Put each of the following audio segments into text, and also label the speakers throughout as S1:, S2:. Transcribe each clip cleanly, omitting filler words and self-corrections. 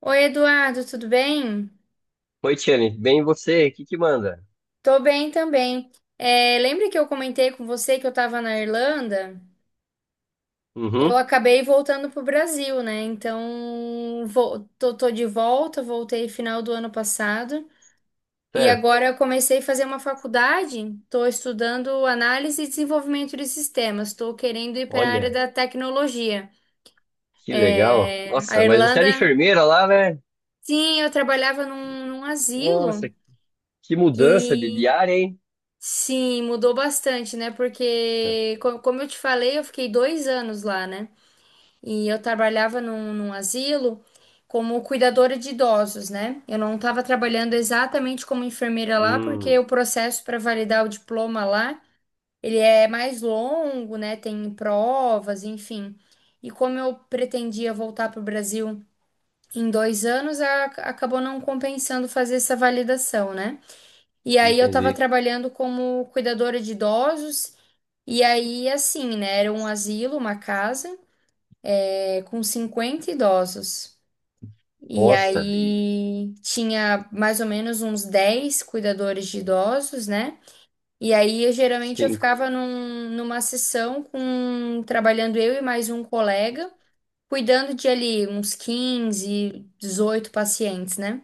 S1: Oi, Eduardo, tudo bem?
S2: Oi, Tiane, bem e você? O que que manda?
S1: Tô bem também. É, lembra que eu comentei com você que eu tava na Irlanda? Eu
S2: Uhum.
S1: acabei voltando pro Brasil, né? Então, tô de volta, voltei final do ano passado. E
S2: Certo.
S1: agora eu comecei a fazer uma faculdade, tô estudando análise e desenvolvimento de sistemas, tô querendo ir para a área
S2: Olha,
S1: da tecnologia.
S2: que legal.
S1: É, a
S2: Nossa, mas você era
S1: Irlanda,
S2: enfermeira lá, né?
S1: sim, eu trabalhava num
S2: Nossa,
S1: asilo.
S2: que mudança de
S1: E
S2: área, hein?
S1: Sim, mudou bastante, né? Porque, co- como eu te falei, eu fiquei 2 anos lá, né? E eu trabalhava num asilo como cuidadora de idosos, né? Eu não estava trabalhando exatamente como enfermeira lá, porque
S2: Hum.
S1: o processo para validar o diploma lá, ele é mais longo, né? Tem provas, enfim. E como eu pretendia voltar para o Brasil em 2 anos, a- acabou não compensando fazer essa validação, né? E aí eu estava
S2: Entendi.
S1: trabalhando como cuidadora de idosos. E aí, assim, né? Era um asilo, uma casa, com 50 idosos. E
S2: Nossa, e
S1: aí tinha mais ou menos uns 10 cuidadores de idosos, né? E aí, eu, geralmente, eu
S2: cinco.
S1: ficava num- numa sessão com trabalhando eu e mais um colega, cuidando de ali uns 15 a 18 pacientes, né?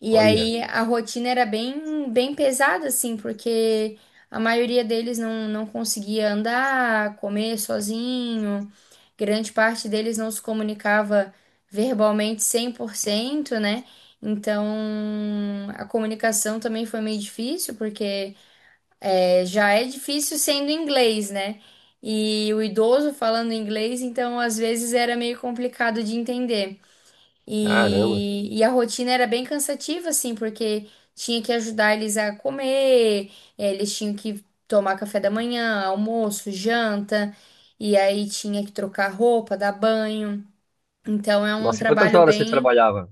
S1: E
S2: Olha,
S1: aí a rotina era bem pesada, assim, porque a maioria deles não, não conseguia andar, comer sozinho, grande parte deles não se comunicava verbalmente 100% né? Então a comunicação também foi meio difícil, porque já é difícil sendo inglês, né? E o idoso falando inglês, então às vezes era meio complicado de entender.
S2: caramba.
S1: E a rotina era bem cansativa, assim, porque tinha que ajudar eles a comer, eles tinham que tomar café da manhã, almoço, janta, e aí tinha que trocar roupa, dar banho. Então é um
S2: Nossa, e quantas
S1: trabalho
S2: horas você
S1: bem
S2: trabalhava?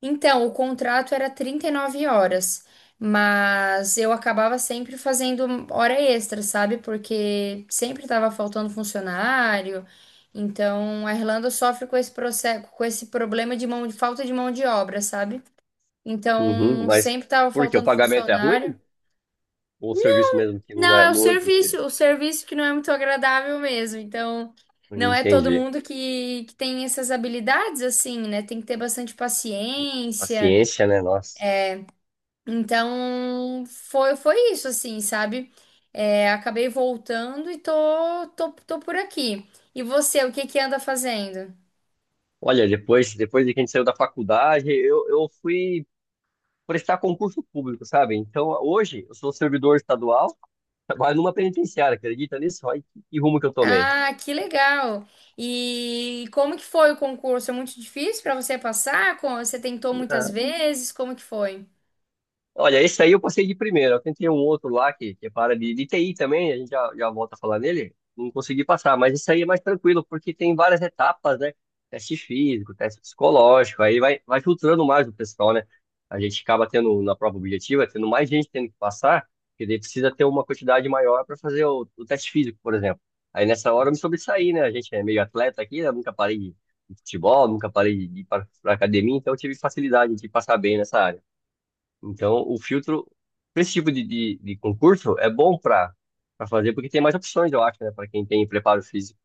S1: então, o contrato era 39 horas, mas eu acabava sempre fazendo hora extra, sabe? Porque sempre estava faltando funcionário. Então, a Irlanda sofre com esse processo, com esse problema de mão, de falta de mão de obra, sabe?
S2: Uhum,
S1: Então,
S2: mas
S1: sempre estava
S2: por quê? O
S1: faltando
S2: pagamento é ruim?
S1: funcionário.
S2: Ou o serviço mesmo que não
S1: Não,
S2: é
S1: é
S2: muito que...
S1: o serviço que não é muito agradável mesmo. Então, não é todo
S2: Entendi.
S1: mundo que tem essas habilidades assim, né? Tem que ter bastante paciência.
S2: Paciência, né? Nossa.
S1: Então, foi isso, assim, sabe? É, acabei voltando e tô por aqui. E você, o que que anda fazendo?
S2: Olha, depois, depois de que a gente saiu da faculdade, eu fui prestar concurso público, sabe? Então, hoje, eu sou servidor estadual, trabalho numa penitenciária, acredita nisso? Olha que rumo que eu tomei.
S1: Ah, que legal! E como que foi o concurso? É muito difícil pra você passar? Co- Você tentou muitas vezes? Como que foi?
S2: Olha, esse aí eu passei de primeira. Eu tentei um outro lá que é para de TI também, a gente já volta a falar nele. Não consegui passar, mas esse aí é mais tranquilo, porque tem várias etapas, né? Teste físico, teste psicológico, aí vai filtrando mais o pessoal, né? A gente acaba tendo, na prova objetiva, tendo mais gente tendo que passar, porque daí precisa ter uma quantidade maior para fazer o teste físico, por exemplo. Aí nessa hora eu me sobressaí, né? A gente é meio atleta aqui, né? Nunca parei de futebol, nunca parei de ir para academia, então eu tive facilidade de passar bem nessa área. Então, o filtro, pra esse tipo de concurso, é bom para fazer, porque tem mais opções, eu acho, né, para quem tem preparo físico.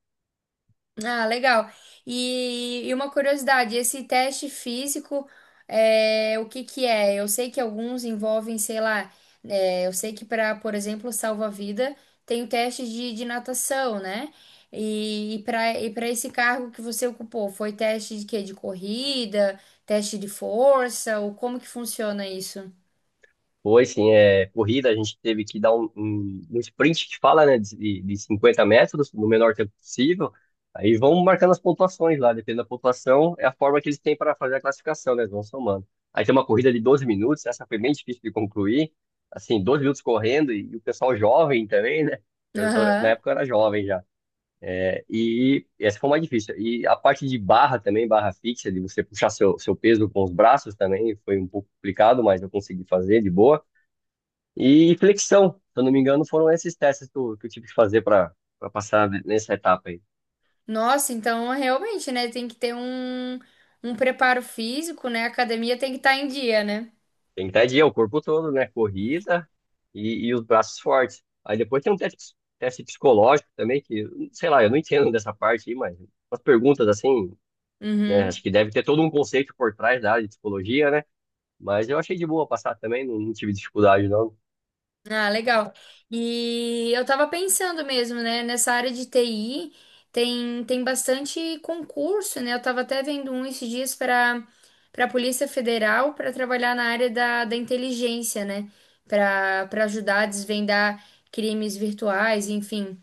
S1: Ah, legal. E uma curiosidade, esse teste físico, o que que é? Eu sei que alguns envolvem, sei lá, eu sei que para, por exemplo, salva-vida, tem o teste de natação, né? E, para esse cargo que você ocupou, foi teste de quê? De corrida, teste de força, ou como que funciona isso?
S2: Foi, sim, é, corrida, a gente teve que dar um sprint que fala, né, de 50 metros, no menor tempo possível. Aí vão marcando as pontuações lá, dependendo da pontuação, é a forma que eles têm para fazer a classificação, né, eles vão somando. Aí tem uma corrida de 12 minutos, essa foi bem difícil de concluir, assim, 12 minutos correndo, e o pessoal jovem também, né, eu, na
S1: Aham.
S2: época eu era jovem já. E essa foi mais difícil. E a parte de barra também, barra fixa, de você puxar seu peso com os braços também, foi um pouco complicado, mas eu consegui fazer de boa. E flexão, se eu não me engano, foram esses testes que eu tive que fazer para passar nessa etapa aí.
S1: Nossa, então realmente, né? Tem que ter um, um preparo físico, né? A academia tem que estar em dia, né?
S2: Tem que o corpo todo, né? Corrida e os braços fortes. Aí depois tem um teste, teste psicológico também, que, sei lá, eu não entendo dessa parte aí, mas as perguntas assim, né?
S1: Uhum.
S2: Acho que deve ter todo um conceito por trás da área de psicologia, né? Mas eu achei de boa passar também, não, não tive dificuldade, não.
S1: Ah, legal. E eu tava pensando mesmo, né? Nessa área de TI tem bastante concurso, né? Eu tava até vendo um esses dias para para a Polícia Federal para trabalhar na área da, da inteligência, né? Para para ajudar a desvendar crimes virtuais, enfim.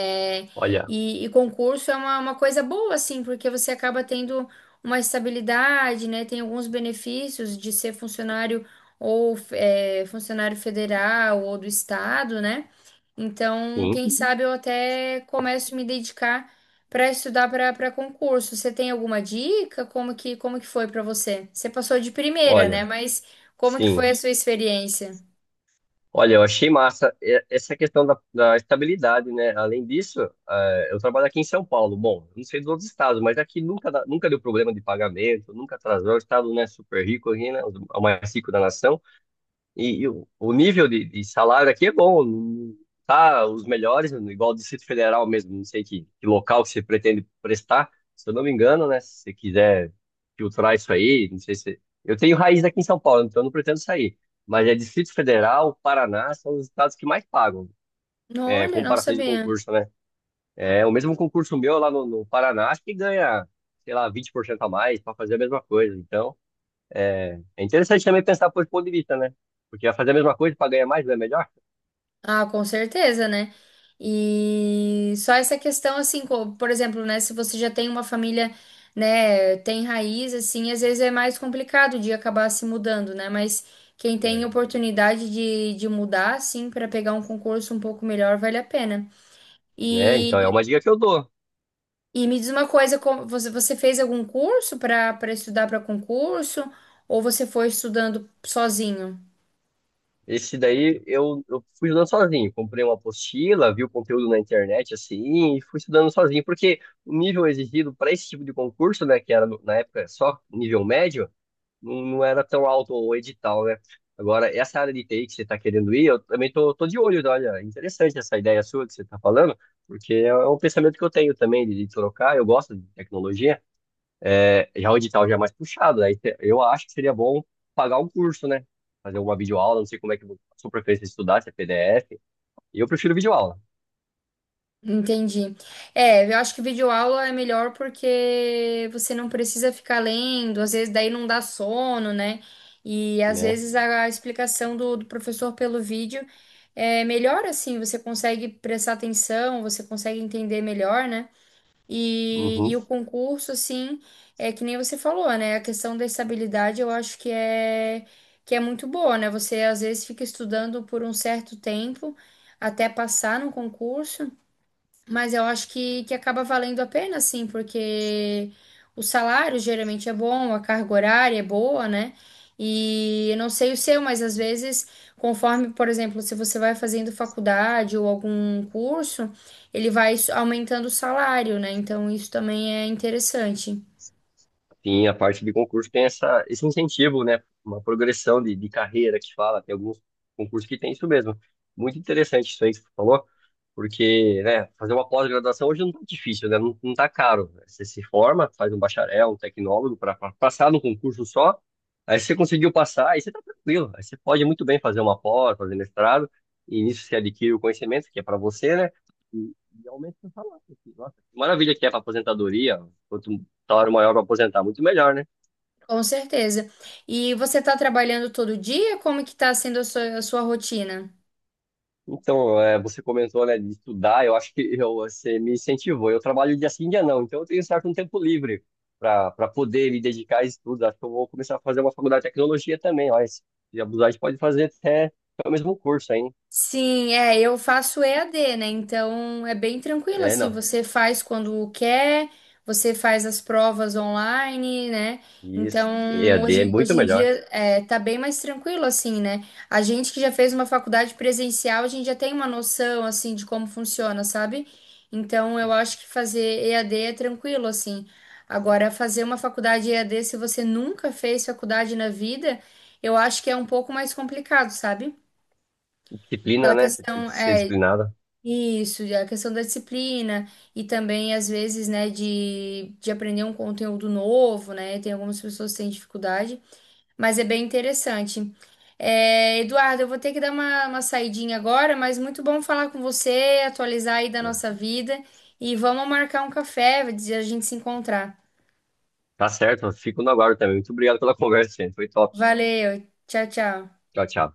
S1: É,
S2: Olha,
S1: e concurso é uma coisa boa, assim, porque você acaba tendo uma estabilidade, né? Tem alguns benefícios de ser funcionário ou funcionário federal ou do estado, né? Então,
S2: sim,
S1: quem sabe eu até começo a me dedicar para estudar para concurso. Você tem alguma dica? Como que foi para você? Você passou de primeira,
S2: olha,
S1: né? Mas como que foi a
S2: sim.
S1: sua experiência?
S2: Olha, eu achei massa essa questão da estabilidade, né? Além disso, eu trabalho aqui em São Paulo. Bom, não sei dos outros estados, mas aqui nunca, nunca deu problema de pagamento, nunca atrasou. O estado, né, super rico aqui, né? O mais rico da nação. E o nível de salário aqui é bom, não tá os melhores, igual o Distrito Federal mesmo, não sei que local que você pretende prestar, se eu não me engano, né? Se você quiser filtrar isso aí, não sei se. Eu tenho raiz aqui em São Paulo, então eu não pretendo sair. Mas é Distrito Federal, Paraná, são os estados que mais pagam, é,
S1: Olha, não
S2: comparações de
S1: sabia.
S2: concurso, né? É, o mesmo concurso meu lá no Paraná, acho que ganha, sei lá, 20% a mais para fazer a mesma coisa. Então. É, é interessante também pensar por esse ponto de vista, né? Porque vai fazer a mesma coisa para ganhar mais, não é melhor?
S1: Ah, com certeza, né? E só essa questão, assim, por exemplo, né? Se você já tem uma família, né, tem raiz, assim, às vezes é mais complicado de acabar se mudando, né? Mas quem tem
S2: É,
S1: oportunidade de mudar, assim, para pegar um concurso um pouco melhor, vale a pena.
S2: né? Então é
S1: E,
S2: uma dica que eu dou.
S1: e me diz uma coisa, você, você fez algum curso para para estudar para concurso ou você foi estudando sozinho?
S2: Esse daí eu fui estudando sozinho. Comprei uma apostila, vi o conteúdo na internet assim, e fui estudando sozinho. Porque o nível exigido para esse tipo de concurso, né, que era na época só nível médio, não, não era tão alto o edital, né? Agora, essa área de TI que você está querendo ir, eu também tô, tô de olho, né? Olha, é interessante essa ideia sua que você está falando, porque é é um pensamento que eu tenho também de trocar, eu gosto de tecnologia, é, já o edital já é mais puxado, eu acho que seria bom pagar um curso, né? Fazer uma videoaula, não sei como é que a sua preferência de estudar, se é PDF, eu prefiro videoaula,
S1: Entendi. É, eu acho que videoaula é melhor porque você não precisa ficar lendo, às vezes daí não dá sono, né? E às
S2: né?
S1: vezes a explicação do, do professor pelo vídeo é melhor assim, você consegue prestar atenção, você consegue entender melhor, né? E,
S2: Uhum.
S1: e o concurso, assim, é que nem você falou, né? A questão da estabilidade eu acho que é muito boa, né? Você às vezes fica estudando por um certo tempo até passar no concurso. Mas eu acho que acaba valendo a pena, sim, porque o salário geralmente é bom, a carga horária é boa, né? E eu não sei o seu, mas às vezes, conforme, por exemplo, se você vai fazendo faculdade ou algum curso, ele vai s- aumentando o salário, né? Então isso também é interessante.
S2: Sim, a parte de concurso tem essa, esse incentivo, né? Uma progressão de carreira que fala, tem alguns concursos que tem isso mesmo. Muito interessante isso aí que você falou, porque, né, fazer uma pós-graduação hoje não tá difícil, né? Não, não tá caro. Né? Você se forma, faz um bacharel, um tecnólogo para passar no concurso só, aí você conseguiu passar, aí você tá tranquilo. Aí você pode muito bem fazer uma pós, fazer mestrado, e nisso você adquire o conhecimento que é para você, né? E, e aumenta o seu salário. Nossa, que maravilha que é para aposentadoria, quanto salário maior para aposentar, muito melhor, né?
S1: Com certeza. E você está trabalhando todo dia? Como que está sendo a sua rotina?
S2: Então, é, você comentou, né, de estudar, eu acho que eu, você me incentivou. Eu trabalho dia sim, dia não, então eu tenho certo um tempo livre para poder me dedicar a estudos. Acho que eu vou começar a fazer uma faculdade de tecnologia também, ó, se abusar, a gente pode fazer até o mesmo curso, hein?
S1: Sim, é, eu faço EAD, né? Então é bem tranquilo
S2: É,
S1: assim,
S2: não.
S1: você faz quando quer, você faz as provas online, né?
S2: Isso. E a
S1: Então,
S2: D é
S1: hoje,
S2: muito
S1: hoje em
S2: melhor.
S1: dia é, tá bem mais tranquilo assim, né? A gente que já fez uma faculdade presencial, a gente já tem uma noção assim de como funciona, sabe? Então, eu acho que fazer EAD é tranquilo assim. Agora, fazer uma faculdade EAD, se você nunca fez faculdade na vida, eu acho que é um pouco mais complicado, sabe?
S2: Disciplina,
S1: Aquela
S2: né? Você tem que
S1: questão
S2: ser
S1: é
S2: disciplinada.
S1: isso, a questão da disciplina e também às vezes, né, de aprender um conteúdo novo, né? Tem algumas pessoas que têm dificuldade, mas é bem interessante. É, Eduardo, eu vou ter que dar uma saidinha agora, mas muito bom falar com você, atualizar aí da nossa vida e vamos marcar um café, a gente se encontrar.
S2: Tá certo, eu fico no aguardo também. Muito obrigado pela conversa, gente. Foi top.
S1: Valeu, tchau, tchau.
S2: Tchau, tchau.